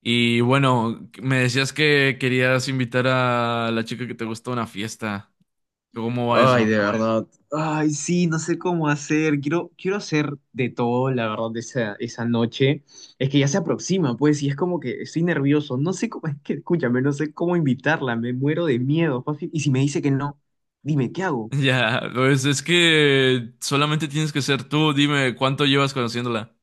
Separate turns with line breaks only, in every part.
Y bueno, me decías que querías invitar a la chica que te gusta a una fiesta. ¿Cómo va
Ay,
eso?
de verdad. Ay, sí, no sé cómo hacer. Quiero hacer de todo, la verdad, de esa noche. Es que ya se aproxima, pues, y es como que estoy nervioso. No sé cómo, es que, escúchame, no sé cómo invitarla. Me muero de miedo. Fafi. Y si me dice que no, dime, ¿qué hago?
Ya, pues es que solamente tienes que ser tú. Dime, ¿cuánto llevas conociéndola?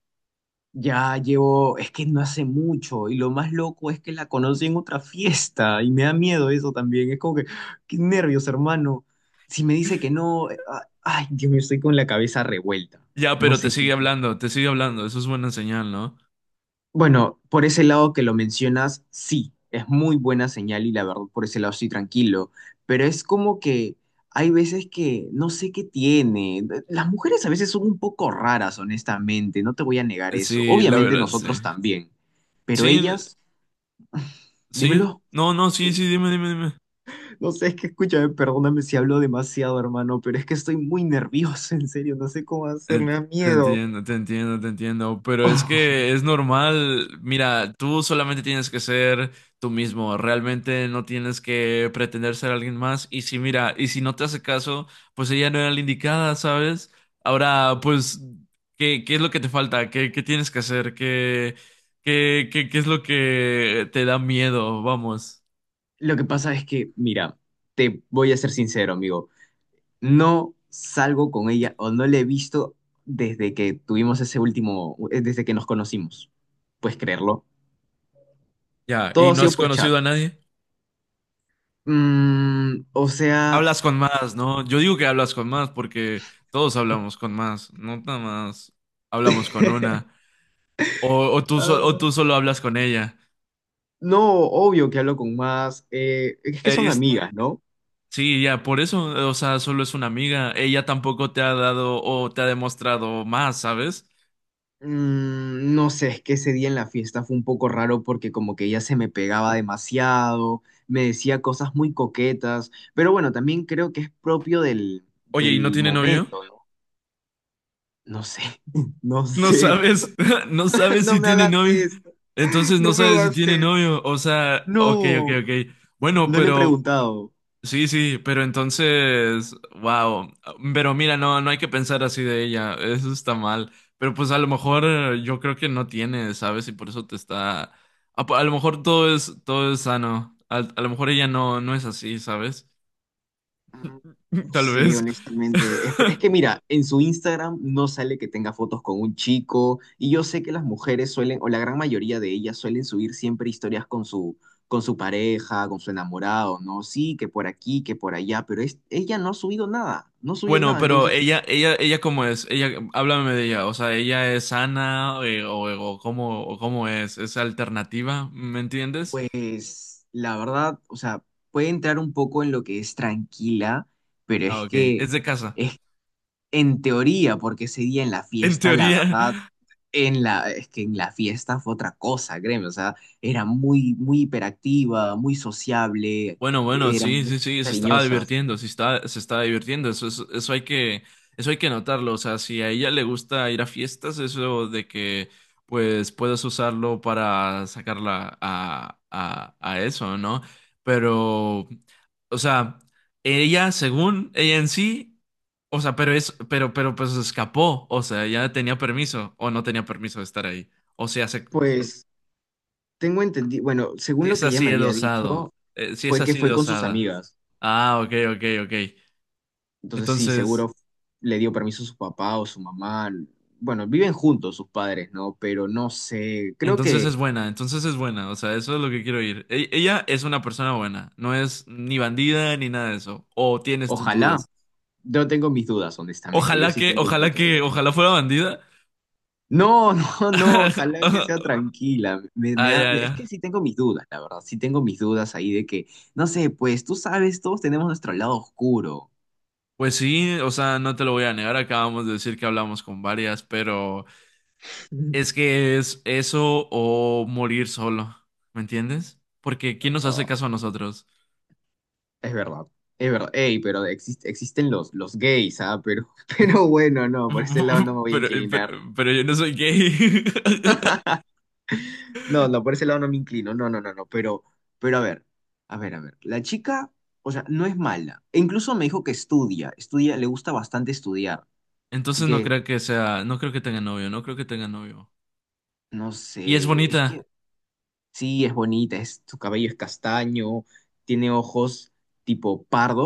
Es que no hace mucho. Y lo más loco es que la conocí en otra fiesta. Y me da miedo eso también. Es como que, qué nervios, hermano. Si me dice que no, ay, Dios mío, estoy con la cabeza revuelta.
Ya,
No
pero te
sé qué
sigue
hacer.
hablando, te sigue hablando. Eso es buena señal, ¿no?
Bueno, por ese lado que lo mencionas, sí, es muy buena señal y la verdad por ese lado estoy tranquilo, pero es como que hay veces que no sé qué tiene. Las mujeres a veces son un poco raras, honestamente, no te voy a negar eso.
Sí, la
Obviamente
verdad, sí.
nosotros también, pero
Sí,
ellas,
sí.
dímelo,
No, no, sí, sí, dime, dime, dime.
no sé, es que escúchame, perdóname si hablo demasiado, hermano, pero es que estoy muy nervioso, en serio, no sé cómo hacer, me
Ent-
da
Te
miedo.
entiendo, te entiendo, te entiendo, pero es que es normal. Mira, tú solamente tienes que ser tú mismo, realmente no tienes que pretender ser alguien más. Y si, mira, y si no te hace caso, pues ella no era la indicada, ¿sabes? Ahora, pues, ¿qué es lo que te falta? ¿Qué tienes que hacer? ¿Qué es lo que te da miedo? Vamos.
Lo que pasa es que, mira, te voy a ser sincero, amigo. No salgo con ella o no la he visto desde que tuvimos ese último, desde que nos conocimos. Puedes creerlo.
Ya, ¿y
Todo ha
no
sido
has
por chat.
conocido a nadie?
O sea,
Hablas con más, ¿no? Yo digo que hablas con más porque todos hablamos con más, no nada más hablamos con una. O
ah,
tú solo hablas con ella.
no, obvio que hablo con más. Es que
Ella
son
está,
amigas, ¿no?
sí, ya, por eso, o sea, solo es una amiga. Ella tampoco te ha dado o te ha demostrado más, ¿sabes?
No sé, es que ese día en la fiesta fue un poco raro porque como que ella se me pegaba demasiado, me decía cosas muy coquetas, pero bueno, también creo que es propio del,
Oye, ¿y no
del
tiene novio?
momento, ¿no? No sé, no
No
sé.
sabes, no sabes
No
si
me
tiene
hagas
novio.
esto,
Entonces no
no me
sabes si
hagas
tiene
esto.
novio. O sea, ok, ok,
No,
ok. Bueno,
no le he
pero
preguntado.
Sí, sí, pero entonces, wow, pero mira, no, no hay que pensar así de ella, eso está mal. Pero pues a lo mejor, yo creo que no tiene, ¿sabes? Y por eso te está, a, po- a lo mejor todo es sano. A lo mejor ella no, no es así, ¿sabes?
Ah, No
Tal
sé,
vez.
honestamente. Es que mira, en su Instagram no sale que tenga fotos con un chico y yo sé que las mujeres suelen, o la gran mayoría de ellas suelen subir siempre historias con su pareja, con su enamorado, ¿no? Sí, que por aquí, que por allá, pero es, ella no ha subido nada, no ha subido
Bueno,
nada.
pero
Entonces,
ella cómo es, háblame de ella. O sea, ella es sana, o cómo es. Es alternativa, ¿me entiendes?
pues la verdad, o sea, puede entrar un poco en lo que es tranquila, pero
Ah,
es
ok,
que...
es de casa,
es En teoría, porque ese día en la
en
fiesta, la
teoría.
verdad, en la fiesta fue otra cosa, créeme, o sea, era muy, muy hiperactiva, muy sociable,
Bueno, bueno,
era
sí,
muy
sí, sí, se estaba
cariñosa.
divirtiendo, sí está, se estaba divirtiendo. Eso, eso hay que notarlo. O sea, si a ella le gusta ir a fiestas, eso de que, pues, puedes usarlo para sacarla a eso, ¿no? Pero, o sea, ella, según ella en sí, o sea, pues, escapó. O sea, ya tenía permiso o no tenía permiso de estar ahí, o sea, se,
Pues tengo entendido, bueno, según
si
lo
es
que ella
así
me
de
había
osado.
dicho,
Si es
fue que
así
fue
de
con sus
osada.
amigas.
Ah, ok, ok, ok.
Entonces sí,
Entonces,
seguro le dio permiso a su papá o su mamá. Bueno, viven juntos sus padres, ¿no? Pero no sé, creo
entonces
que,
es buena, entonces es buena. O sea, eso es lo que quiero ir. Ella es una persona buena. No es ni bandida ni nada de eso. O tienes tus
ojalá,
dudas.
yo tengo mis dudas, honestamente, yo
Ojalá
sí
que,
tengo
ojalá
muchas
que,
dudas.
ojalá fuera bandida.
No, no, no, ojalá que sea tranquila. Me, me
Ay,
da- me-
ay,
es
ay.
que sí tengo mis dudas, la verdad, sí tengo mis dudas ahí de que, no sé, pues tú sabes, todos tenemos nuestro lado oscuro.
Pues sí, o sea, no te lo voy a negar. Acabamos de decir que hablamos con varias, pero es que es eso o morir solo. ¿Me entiendes? Porque ¿quién nos hace
Ah,
caso a nosotros?
es verdad, es verdad. Ey, pero existen los gays, ¿ah? Pero, pero bueno, no, por ese lado no me voy a
Pero, pero,
inclinar.
pero yo no soy gay.
No, no, por ese lado no me inclino. No, no, no, no. Pero, a ver, a ver, a ver. La chica, o sea, no es mala. E incluso me dijo que estudia, estudia, le gusta bastante estudiar. Así
Entonces no
que,
creo que sea, no creo que tenga novio, no creo que tenga novio.
no
Y es
sé, es
bonita
que Sí, es bonita, su cabello es castaño, tiene ojos tipo pardo,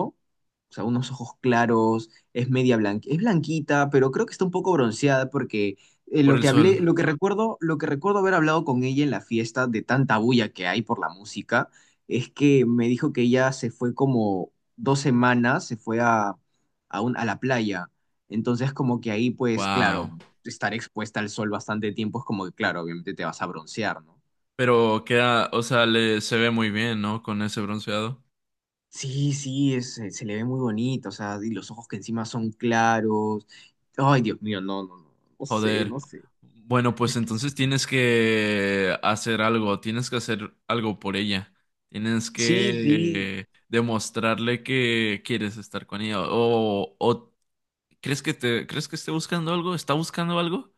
o sea, unos ojos claros, es media blanca, es blanquita, pero creo que está un poco bronceada porque
por
lo
el
que
sol.
hablé, lo que recuerdo haber hablado con ella en la fiesta de tanta bulla que hay por la música, es que me dijo que ella se fue como 2 semanas, se fue a la playa, entonces como que ahí pues claro,
Wow.
estar expuesta al sol bastante tiempo es como que claro, obviamente te vas a broncear, ¿no?
Pero queda, o sea, le se ve muy bien, ¿no? Con ese bronceado.
Sí, sí, se le ve muy bonito, o sea, y los ojos que encima son claros. Ay, Dios mío, no, no, no, no sé,
Joder.
no sé.
Bueno, pues entonces tienes que hacer algo, tienes que hacer algo por ella. Tienes
Sí, sí,
que demostrarle que quieres estar con ella. O crees que esté buscando algo? ¿Está buscando algo?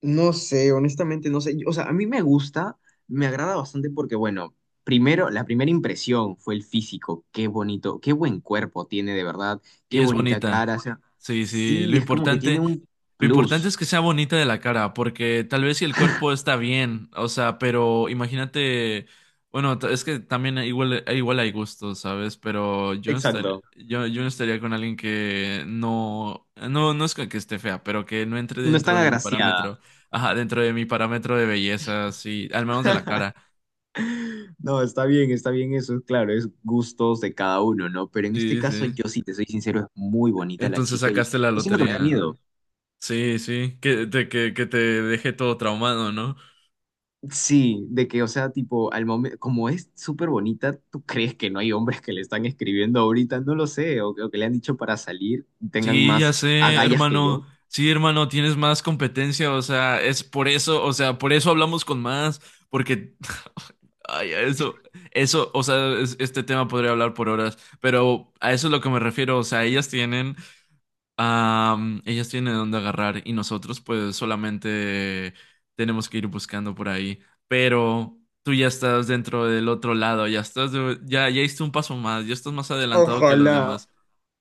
no sé, honestamente no sé. O sea, a mí me gusta, me agrada bastante porque, bueno, primero, la primera impresión fue el físico. Qué bonito, qué buen cuerpo tiene de verdad, qué
Y es
bonita
bonita.
cara. O sea,
Sí, sí.
sí, es como que tiene un
Lo importante
plus.
es que sea bonita de la cara, porque tal vez si el cuerpo está bien, o sea, pero imagínate, bueno, es que también, igual, igual hay gustos, ¿sabes? Pero yo no estaría,
Exacto.
yo no estaría con alguien que no, no, no es que esté fea, pero que no entre
No es tan
dentro de mi
agraciada.
parámetro, ajá, dentro de mi parámetro de belleza, sí, al menos de la cara.
No, está bien eso, claro, es gustos de cada uno, ¿no? Pero en este
Sí,
caso,
sí.
yo sí te soy sincero, es muy bonita la
Entonces
chica y
sacaste la
eso es lo que me da
lotería.
miedo.
Sí, sí, que te dejé todo traumado, ¿no?
Sí, de que, o sea, tipo, al momento, como es súper bonita, ¿tú crees que no hay hombres que le están escribiendo ahorita? No lo sé, o que le han dicho para salir, tengan
Sí, ya
más
sé,
agallas que yo.
hermano. Sí, hermano, tienes más competencia, o sea, es por eso, o sea, por eso hablamos con más, porque, ay, a eso, eso, o sea, este tema podría hablar por horas, pero a eso es lo que me refiero. O sea, ellas tienen dónde agarrar y nosotros, pues, solamente tenemos que ir buscando por ahí. Pero tú ya estás dentro del otro lado. Ya estás, ya hiciste un paso más. Ya estás más adelantado que los
Ojalá,
demás.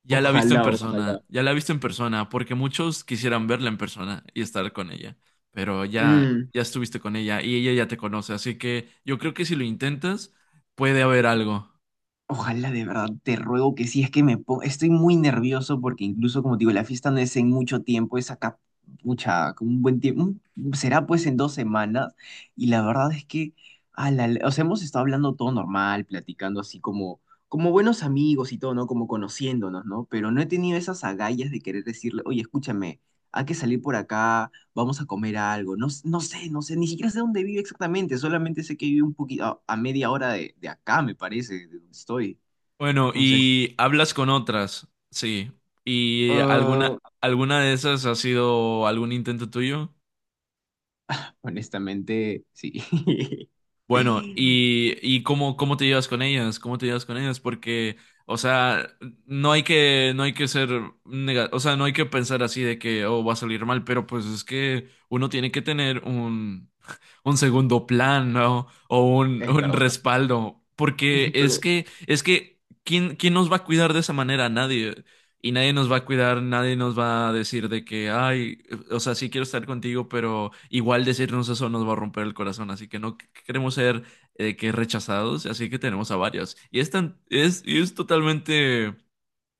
Ya la he visto en
ojalá, ojalá.
persona, ya la he visto en persona, porque muchos quisieran verla en persona y estar con ella, pero ya,
Mm.
ya estuviste con ella y ella ya te conoce, así que yo creo que si lo intentas, puede haber algo.
Ojalá de verdad, te ruego que sí, es que estoy muy nervioso porque incluso como te digo, la fiesta no es en mucho tiempo, es acá, pucha, con un buen tiempo, será pues en 2 semanas y la verdad es que, o sea, hemos estado hablando todo normal, platicando así como buenos amigos y todo, ¿no? Como conociéndonos, ¿no? Pero no he tenido esas agallas de querer decirle, oye, escúchame, hay que salir por acá vamos a comer algo. No, no sé, no sé, ni siquiera sé dónde vive exactamente, solamente sé que vive un poquito a media hora de acá, me parece, de donde estoy.
Bueno,
Entonces,
y hablas con otras, sí. ¿Y
ah,
alguna de esas ha sido algún intento tuyo?
honestamente, sí.
Bueno, y cómo te llevas con ellas, cómo te llevas con ellas. Porque, o sea, no hay que, no hay que ser o sea, no hay que pensar así de que, oh, va a salir mal. Pero pues es que uno tiene que tener un segundo plan, ¿no? O
Es
un
verdad,
respaldo. Porque
pero
es que, quién nos va a cuidar de esa manera? Nadie. Y nadie nos va a cuidar, nadie nos va a decir de que, ay, o sea, sí quiero estar contigo, pero igual decirnos eso nos va a romper el corazón, así que no queremos ser que rechazados, así que tenemos a varios. Y y es totalmente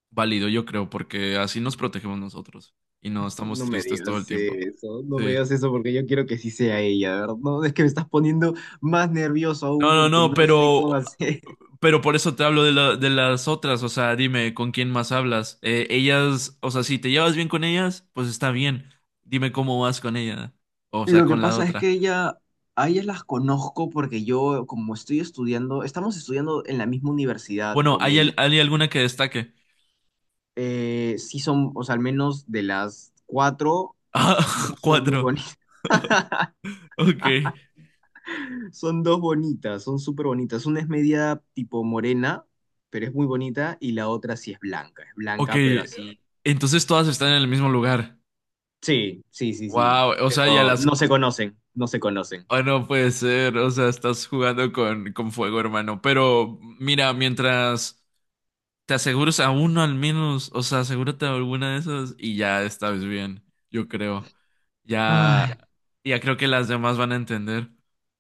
válido, yo creo, porque así nos protegemos nosotros y no estamos
no me
tristes todo el
digas
tiempo.
eso, no me
Sí.
digas eso porque yo quiero que sí sea ella, ¿verdad? No, es que me estás poniendo más nervioso
No,
aún
no,
porque
no,
no sé cómo hacer.
pero por eso te hablo de las otras. O sea, dime, ¿con quién más hablas? Ellas, o sea, si te llevas bien con ellas, pues está bien. Dime cómo vas con ella, o sea,
Lo que
con la
pasa es que
otra.
a ellas las conozco porque yo, como estoy estudiando, estamos estudiando en la misma universidad
Bueno,
con ella.
hay alguna que destaque?
Sí son, o sea, al menos de las cuatro,
Ah,
dos son muy
cuatro,
bonitas.
ok,
Son dos bonitas, son súper bonitas. Una es media tipo morena, pero es muy bonita, y la otra sí es blanca. Es
ok,
blanca, pero así.
entonces todas están en el mismo lugar.
Sí, sí, sí, sí.
Wow, o sea, ya
Pero
las...
no se conocen, no se conocen.
no puede ser. O sea, estás jugando con fuego, hermano. Pero mira, mientras... Te aseguras a uno al menos, o sea, asegúrate de alguna de esas y ya estás bien, yo creo.
Ay,
Ya, ya creo que las demás van a entender.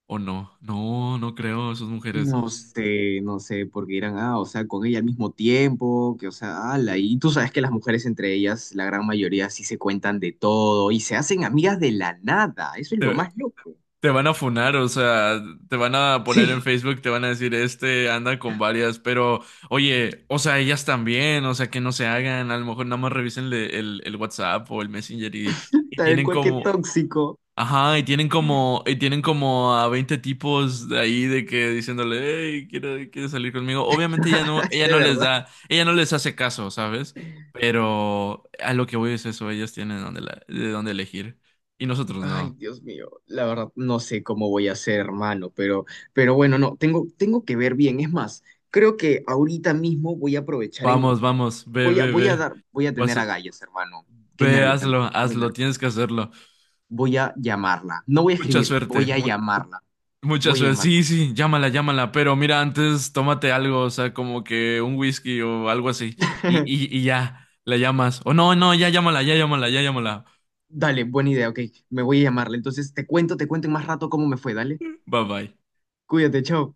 ¿O no? No, no creo, esas mujeres.
no sé, no sé, porque dirán, o sea, con ella al mismo tiempo, que, o sea, ala, y tú sabes que las mujeres entre ellas, la gran mayoría sí se cuentan de todo y se hacen amigas de la nada, eso es lo
Te,
más loco.
Te van a funar. O sea, te van a poner en
Sí,
Facebook, te van a decir, este anda con varias. Pero oye, o sea, ellas también, o sea, que no se hagan. A lo mejor nada más revisen el WhatsApp o el Messenger y
tal
tienen
cual que
como,
tóxico.
ajá, y tienen como a 20 tipos de ahí de que diciéndole, hey, quiere salir conmigo. Obviamente ella
De
no les
verdad.
da, ella no les hace caso, ¿sabes? Pero a lo que voy es eso, ellos tienen de dónde elegir. Y nosotros
Ay,
no.
Dios mío. La verdad, no sé cómo voy a hacer, hermano, pero bueno, no, tengo que ver bien. Es más, creo que ahorita mismo voy a aprovechar en,
Vamos, vamos, ve,
voy a,
ve,
voy a
ve.
dar, voy a
Vas-
tener agallas, hermano. Qué
Ve,
nervios,
hazlo,
me muero de
hazlo,
nervios.
tienes que hacerlo.
Voy a llamarla. No voy a
Mucha
escribirle,
suerte.
voy a llamarla.
Mucha
Voy a
suerte. Sí,
llamarla.
sí, llámala, llámala. Pero mira, antes tómate algo, o sea, como que un whisky o algo así. Y, y, y ya, la llamas. O no, no, ya llámala, ya llámala, ya llámala.
Dale, buena idea, ok. Me voy a llamarla. Entonces te cuento en más rato cómo me fue, dale.
Bye bye.
Cuídate, chao.